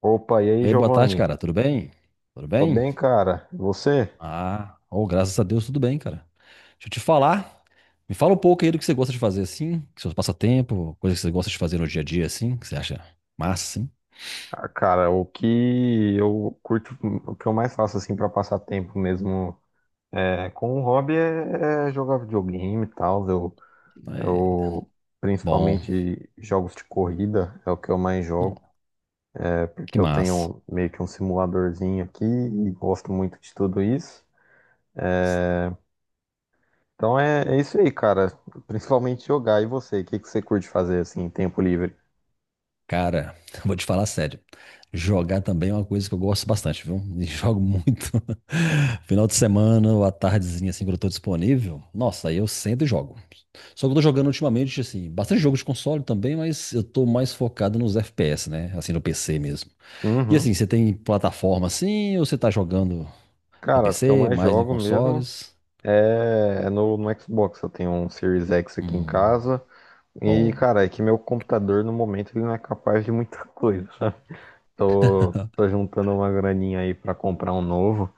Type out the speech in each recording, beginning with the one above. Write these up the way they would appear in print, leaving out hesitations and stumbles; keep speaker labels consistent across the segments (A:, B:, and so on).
A: Opa, e aí,
B: E aí, boa tarde,
A: Giovanni?
B: cara. Tudo bem? Tudo
A: Tô
B: bem?
A: bem, cara. E você?
B: Ah, oh, graças a Deus, tudo bem, cara. Deixa eu te falar. Me fala um pouco aí do que você gosta de fazer, assim, que seus passatempo, coisas que você gosta de fazer no dia a dia, assim, que você acha massa, assim.
A: Ah, cara, o que eu curto, o que eu mais faço assim pra passar tempo mesmo é, com o hobby é jogar videogame e tal. Eu,
B: É,
A: eu
B: bom,
A: principalmente jogos de corrida é o que eu mais
B: bom,
A: jogo, é
B: que
A: porque eu
B: massa.
A: tenho meio que um simuladorzinho aqui e gosto muito de tudo isso. Então é isso aí, cara. Principalmente jogar. E você? O que que você curte fazer assim, em tempo livre?
B: Cara, eu vou te falar sério. Jogar também é uma coisa que eu gosto bastante, viu? E jogo muito. Final de semana ou à tardezinha, assim, quando eu tô disponível. Nossa, aí eu sento e jogo. Só que eu tô jogando ultimamente, assim, bastante jogo de console também, mas eu tô mais focado nos FPS, né? Assim, no PC mesmo. E
A: Uhum.
B: assim, você tem plataforma assim, ou você tá jogando no
A: Cara, o que eu
B: PC,
A: mais
B: mais em
A: jogo mesmo.
B: consoles?
A: É, é no Xbox, eu tenho um Series X aqui em
B: Hum,
A: casa. E,
B: bom,
A: cara, é que meu computador no momento ele não é capaz de muita coisa, sabe? Tô juntando uma graninha aí pra comprar um novo,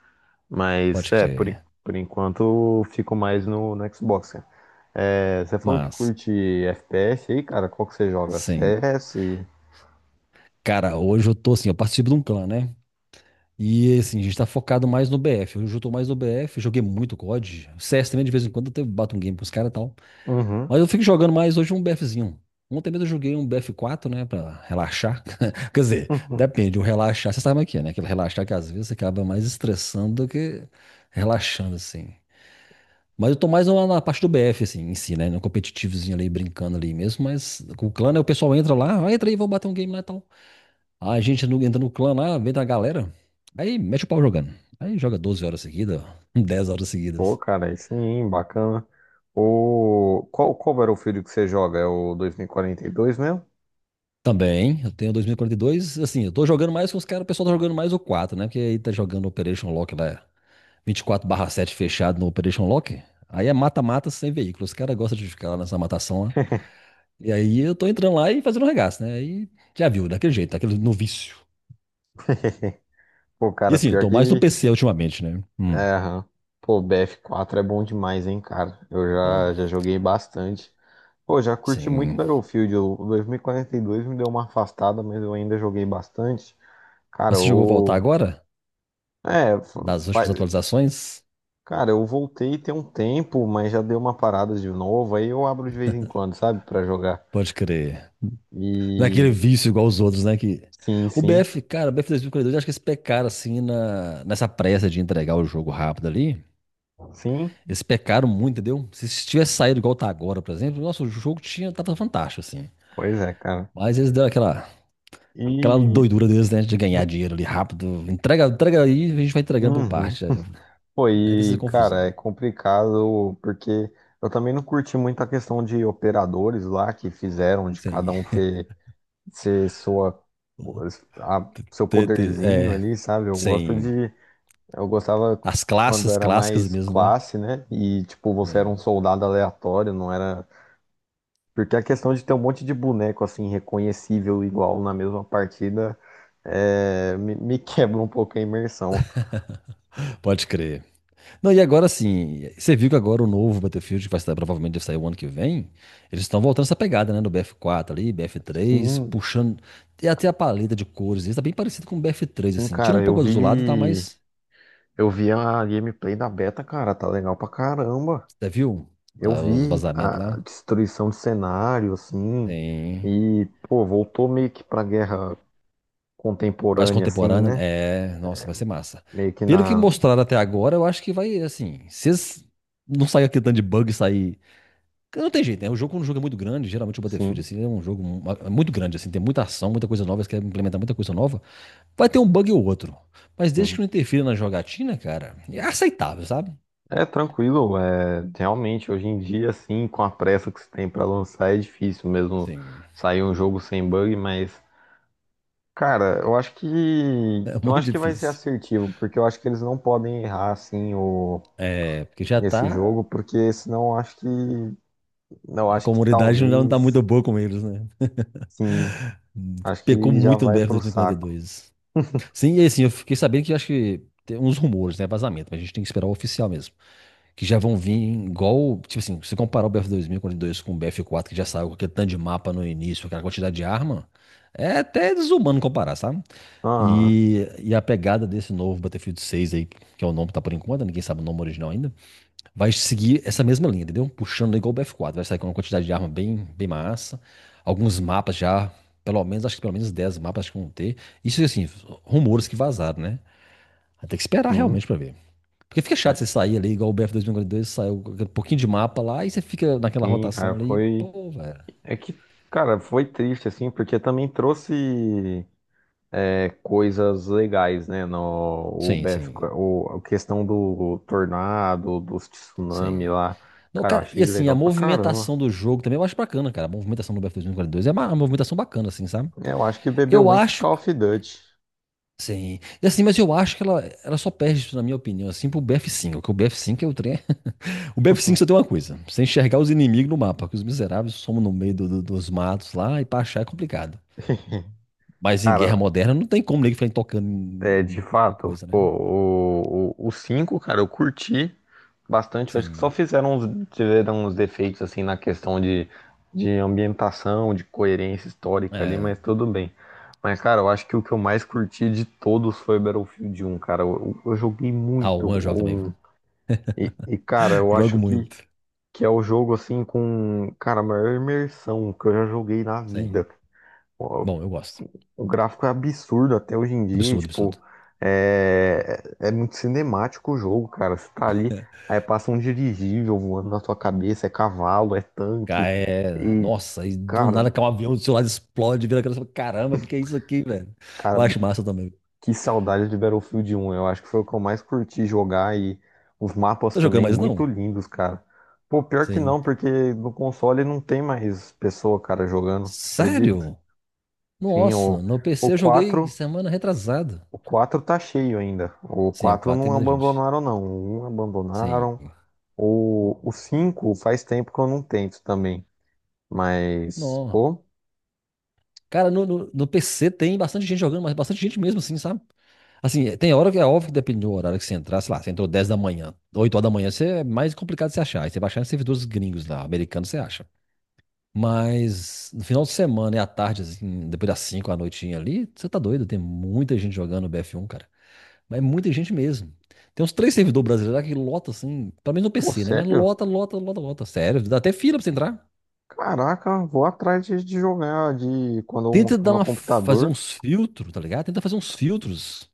A: mas
B: pode
A: é, por,
B: crer.
A: por enquanto eu fico mais no Xbox, cara. É, você falou que
B: Mas,
A: curte FPS aí, cara, qual que você joga?
B: sim.
A: CS?
B: Cara, hoje eu tô assim, eu participo de um clã, né? E assim, a gente tá focado mais no BF. Hoje eu tô mais no BF, joguei muito COD. CS também, de vez em quando, eu até bato um game pros caras e tal.
A: Uhum.
B: Mas eu fico jogando mais hoje um BFzinho. Ontem mesmo eu joguei um BF4, né, pra relaxar. Quer dizer,
A: Uhum.
B: depende, o relaxar, você sabe o que é, né? Aquele relaxar que às vezes você acaba mais estressando do que relaxando, assim. Mas eu tô mais na parte do BF, assim, em si, né? No competitivozinho ali, brincando ali mesmo. Mas com o clã, né, o pessoal entra lá, ah, entra aí, vamos bater um game lá e tal. Aí a gente entra no clã lá, vem da galera, aí mete o pau jogando. Aí joga 12 horas seguidas, 10 horas
A: Pô,
B: seguidas.
A: cara, aí sim, bacana. O... Qual, qual Battlefield que você joga? É o dois, mil e quarenta e dois mesmo?
B: Também, eu tenho 2042. Assim, eu tô jogando mais com os caras, o pessoal tá jogando mais o quatro, né? Porque aí tá jogando Operation Lock lá, 24 sete fechado no Operation Lock. Aí é mata-mata sem veículo. Os caras gostam de ficar lá nessa matação lá. E aí eu tô entrando lá e fazendo regaço, né? Aí já viu, daquele jeito, daquele no vício.
A: Pô,
B: E
A: cara,
B: assim, eu
A: pior
B: tô mais no
A: que.
B: PC ultimamente, né?
A: É, aham. Pô, bf quatro é bom demais, hein, cara. Eu
B: Bom,
A: já joguei bastante. Pô, já curti muito
B: sim.
A: Battlefield. O 2042 me deu uma afastada, mas eu ainda joguei bastante.
B: Mas
A: Cara,
B: você chegou a voltar
A: o.
B: agora?
A: É,
B: Das últimas atualizações?
A: cara, eu voltei tem um tempo, mas já deu uma parada de novo. Aí eu abro de vez em quando, sabe, pra jogar.
B: Pode crer. Não é aquele
A: E.
B: vício igual os outros, né? Que...
A: Sim,
B: O
A: sim.
B: BF, cara, o BF e 42 acho que eles pecaram assim na... nessa pressa de entregar o jogo rápido ali.
A: Sim,
B: Eles pecaram muito, entendeu? Se tivesse saído igual tá agora, por exemplo, nossa, o jogo tinha... tava fantástico, assim.
A: pois é, cara.
B: Mas eles deram aquela
A: E.
B: doidura deles, né? De ganhar dinheiro ali rápido. Entrega, entrega aí, a gente vai entregando por
A: Uhum.
B: parte. Aí
A: Pô,
B: tem essa
A: e, cara, é
B: confusão.
A: complicado porque eu também não curti muito a questão de operadores lá que fizeram de cada
B: Sim.
A: um ter, ser sua,
B: O
A: seu poderzinho
B: É,
A: ali, sabe? Eu gosto
B: sem
A: de, eu gostava
B: as
A: quando
B: classes
A: era
B: clássicas
A: mais
B: mesmo, né?
A: classe, né? E, tipo, você era um
B: Sim.
A: soldado aleatório, não era. Porque a questão de ter um monte de boneco, assim, reconhecível igual na mesma partida, me quebra um pouco a imersão.
B: Pode crer. Não, e agora sim, você viu que agora o novo Battlefield, que vai sair, provavelmente deve sair o ano que vem, eles estão voltando essa pegada, né? Do BF4 ali, BF3,
A: Sim,
B: puxando. E até a paleta de cores, isso tá bem parecido com o BF3,
A: sim,
B: assim. Tira
A: cara,
B: um
A: eu
B: pouco azulado e tá
A: vi.
B: mais.
A: Eu vi a gameplay da beta, cara, tá legal pra caramba.
B: Você viu
A: Eu
B: os
A: vi
B: vazamentos
A: a
B: lá?
A: destruição de cenário, assim,
B: Tem.
A: e, pô, voltou meio que pra guerra
B: Mais
A: contemporânea, assim,
B: contemporâneo, né?
A: né?
B: É. Nossa, vai ser massa.
A: Meio que
B: Pelo que
A: na.
B: mostraram até agora, eu acho que vai, assim. Se eles não sair aquele tanto de bug e sair. Não tem jeito, né? O jogo, quando o jogo é muito grande, geralmente o Battlefield,
A: Sim,
B: assim, é um jogo é muito grande, assim, tem muita ação, muita coisa nova, você quer implementar muita coisa nova, vai ter um bug ou outro. Mas desde que
A: sim.
B: não interfira na jogatina, cara, é aceitável, sabe?
A: É tranquilo, é realmente hoje em dia, assim, com a pressa que se tem pra lançar, é difícil mesmo
B: Sim,
A: sair um jogo sem bug, mas, cara, eu acho que.
B: é
A: Eu
B: muito
A: acho que vai ser
B: difícil.
A: assertivo, porque eu acho que eles não podem errar, assim, o
B: É, porque já
A: nesse
B: tá,
A: jogo, porque senão acho que não
B: a
A: acho que
B: comunidade não tá muito
A: talvez
B: boa com eles, né?
A: sim, acho
B: Pecou
A: que já
B: muito no
A: vai
B: BF
A: pro saco.
B: 2042. Sim, e assim, eu fiquei sabendo que acho que tem uns rumores, né? Vazamento, mas a gente tem que esperar o oficial mesmo. Que já vão vir igual, tipo assim, se você comparar o BF2042 com o BF4, que já saiu com aquele tanto de mapa no início, aquela quantidade de arma, é até desumano comparar, sabe?
A: Ah,
B: E a pegada desse novo Battlefield 6 aí, que é o nome que tá por enquanto, ninguém sabe o nome original ainda, vai seguir essa mesma linha, entendeu? Puxando igual o BF4, vai sair com uma quantidade de arma bem, bem massa, alguns mapas já, pelo menos, acho que pelo menos 10 mapas acho que vão ter. Isso assim, rumores que vazaram, né? Vai ter que esperar
A: sim.
B: realmente pra ver. Porque fica chato você sair ali, igual o BF 2042, saiu um pouquinho de mapa lá e você fica naquela
A: Sim,
B: rotação
A: cara,
B: ali,
A: foi
B: pô, velho.
A: é que cara, foi triste assim, porque também trouxe coisas legais, né, no o
B: Sim,
A: BF,
B: sim,
A: o a questão do tornado, dos tsunami
B: sim.
A: lá.
B: Não,
A: Cara, eu
B: cara, e
A: achei
B: assim, a
A: legal pra caramba.
B: movimentação do jogo também eu acho bacana, cara. A movimentação do BF 2042 é uma movimentação bacana, assim, sabe?
A: Eu acho que bebeu
B: Eu
A: muito de
B: acho
A: Call
B: que.
A: of Duty.
B: Sim. E assim, mas eu acho que ela só perde isso, na minha opinião, assim, pro BF5. Porque o BF5 é o trem. O BF5 só tem uma coisa: você enxergar os inimigos no mapa, que os miseráveis somam no meio dos matos lá e pra achar é complicado. Mas em guerra
A: Cara,
B: moderna não tem como ninguém ficar tocando
A: é, de
B: em
A: fato,
B: coisa,
A: pô,
B: né?
A: o 5, cara, eu curti bastante. Eu acho que só
B: Sim.
A: fizeram uns, tiveram uns defeitos, assim, na questão de ambientação, de coerência histórica ali,
B: É.
A: mas tudo bem. Mas, cara, eu acho que o que eu mais curti de todos foi Battlefield um cara. Eu joguei
B: Ah,
A: muito
B: o eu jogo também,
A: o 1.
B: viu?
A: E, cara, eu
B: Jogo
A: acho
B: muito.
A: que é o jogo, assim, com, cara, a maior imersão que eu já joguei na
B: Sim.
A: vida.
B: Bom, eu gosto.
A: O gráfico é absurdo até hoje em dia, e,
B: Absurdo, absurdo.
A: tipo, é muito cinemático o jogo, cara. Você tá ali, aí passa um dirigível voando na sua cabeça, é cavalo, é tanque.
B: Cara,
A: E,
B: Nossa, e do
A: cara,
B: nada cai um avião do seu lado, explode, vira aquela... Caramba, o que que é isso aqui, velho? Eu
A: cara,
B: acho massa também.
A: que saudade de Battlefield 1. Eu acho que foi o que eu mais curti jogar e os mapas
B: Tá jogando
A: também
B: mais
A: muito
B: não?
A: lindos, cara. Pô, pior que
B: Sim.
A: não, porque no console não tem mais pessoa, cara, jogando, acredito.
B: Sério?
A: Sim,
B: Nossa, no
A: o
B: PC eu joguei
A: quatro.
B: semana retrasada.
A: O 4 tá cheio ainda. O
B: Sim, o
A: 4
B: 4 tem
A: não
B: muita gente.
A: abandonaram, não. O 1
B: Sim.
A: abandonaram. O 5 faz tempo que eu não tento também. Mas,
B: Não,
A: pô,
B: cara, no PC tem bastante gente jogando, mas bastante gente mesmo, assim, sabe? Assim, é, tem hora que é óbvio que depende do horário que você entrar, sei lá, você entrou 10 da manhã, 8 horas da manhã, você é mais complicado de você achar. Aí você vai achar em servidores gringos lá, americanos, você acha. Mas no final de semana e à tarde, assim, depois das 5 à noitinha ali, você tá doido, tem muita gente jogando BF1, cara. Mas é muita gente mesmo. Tem uns três servidores brasileiros lá que lota, assim, pelo menos no
A: pô,
B: PC, né? Mas
A: sério?
B: lota, lota, lota, lota. Sério, dá até fila pra você entrar.
A: Caraca, vou atrás de jogar de quando eu
B: Tenta
A: montar meu
B: fazer
A: computador.
B: uns filtros, tá ligado? Tenta fazer uns filtros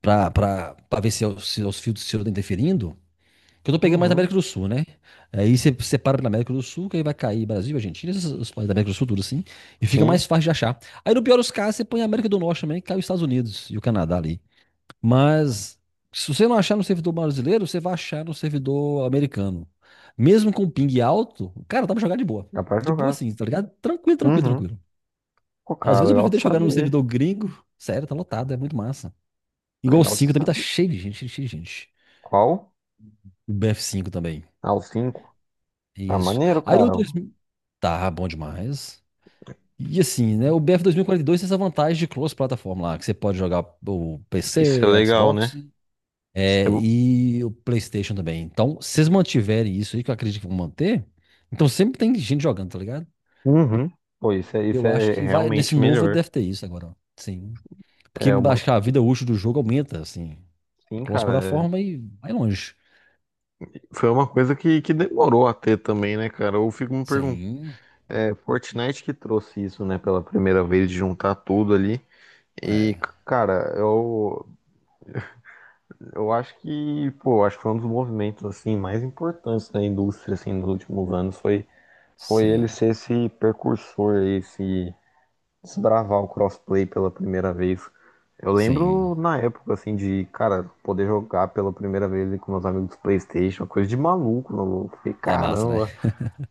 B: pra ver se, se é os fios do Ciro estão interferindo. Que eu tô pegando mais na
A: Uhum,
B: América do Sul, né? Aí você separa pela América do Sul, que aí vai cair Brasil, Argentina, esses os países da América do Sul, tudo assim. E fica mais
A: sim,
B: fácil de achar. Aí no pior dos casos, você põe a América do Norte também, que cai os Estados Unidos e o Canadá ali. Mas se você não achar no servidor brasileiro, você vai achar no servidor americano. Mesmo com ping alto, cara, dá pra jogar de boa.
A: dá pra
B: De boa
A: jogar.
B: sim, tá ligado? Tranquilo, tranquilo,
A: Uhum.
B: tranquilo.
A: Pô,
B: Às
A: cara,
B: vezes eu
A: legal
B: prefiro
A: de
B: até jogar no
A: saber.
B: servidor gringo. Sério, tá lotado, é muito massa. Igual o
A: Legal de
B: 5 também tá
A: saber.
B: cheio de gente, cheio de gente.
A: Qual?
B: O BF5 também.
A: Ah, o 5. Ah,
B: Isso.
A: maneiro,
B: Aí o
A: cara.
B: 2000. Tá bom demais. E assim, né? O BF 2042 tem essa vantagem de cross-plataforma lá, que você pode jogar o
A: Isso é
B: PC,
A: legal,
B: Xbox,
A: né? Isso é-
B: e o PlayStation também. Então, se vocês mantiverem isso aí, que eu acredito que vão manter, então sempre tem gente jogando, tá ligado?
A: Uhum. Pô, isso
B: Eu acho
A: é
B: que vai, nesse
A: realmente
B: novo
A: melhor.
B: deve ter isso agora, ó. Sim. Porque
A: É uma,
B: acho que a vida útil do jogo aumenta, assim. É
A: sim, cara, é-
B: cross-plataforma e vai longe.
A: foi uma coisa que demorou a ter também, né, cara? Eu fico me perguntando,
B: Sim.
A: é Fortnite que trouxe isso, né, pela primeira vez, de juntar tudo ali. E,
B: É.
A: cara, eu acho que, pô, acho que foi um dos movimentos, assim, mais importantes da indústria, assim, nos últimos anos, foi ele
B: Sim,
A: ser esse precursor, esse desbravar o crossplay pela primeira vez. Eu
B: sim.
A: lembro na época, assim, de, cara, poder jogar pela primeira vez ali com meus amigos do PlayStation, uma coisa de maluco, maluco. Fiquei,
B: É massa, né?
A: caramba,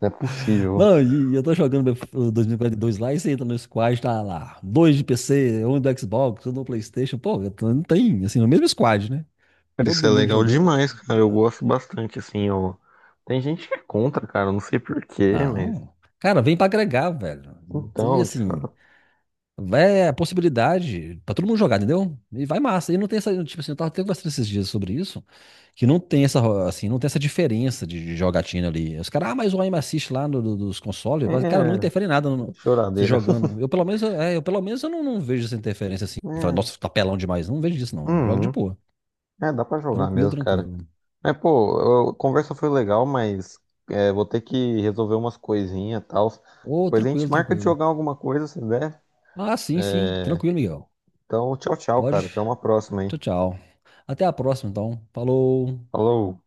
A: não é possível.
B: Não, e eu tô jogando o 2042 lá e você entra no squad, tá lá. Dois de PC, um do Xbox, um do PlayStation. Pô, não tem, assim, no mesmo squad, né?
A: Cara, isso é
B: Todo mundo
A: legal
B: jogando, é.
A: demais, cara. Eu gosto bastante, assim, eu... Tem gente que é contra, cara, eu não sei porquê, mas.
B: Não. Cara, vem pra agregar, velho. E
A: Então,
B: assim,
A: tipo,
B: é a possibilidade pra todo mundo jogar, entendeu? E vai massa. E não tem essa, tipo assim, eu tava até conversando esses dias sobre isso. Que assim, não tem essa diferença de jogatina ali. Os caras, mas o aim assist lá no, do- dos consoles, mas, cara, não
A: é.
B: interfere em nada você
A: Choradeira.
B: jogando. Eu pelo menos eu não vejo essa interferência assim. Fala,
A: É.
B: nossa, tá pelão demais. Não vejo isso, não. Eu jogo de
A: Uhum.
B: boa.
A: É, dá pra jogar
B: Tranquilo,
A: mesmo, cara.
B: tranquilo.
A: É, pô, a conversa foi legal, mas é, vou ter que resolver umas coisinhas e tal.
B: Ô,
A: Depois a gente
B: tranquilo,
A: marca de
B: tranquilo.
A: jogar alguma coisa, se der.
B: Ah, sim, sim. Tranquilo, Miguel.
A: Então, tchau,
B: Pode.
A: cara. Até uma próxima aí.
B: Tchau, tchau. Até a próxima, então. Falou.
A: Falou.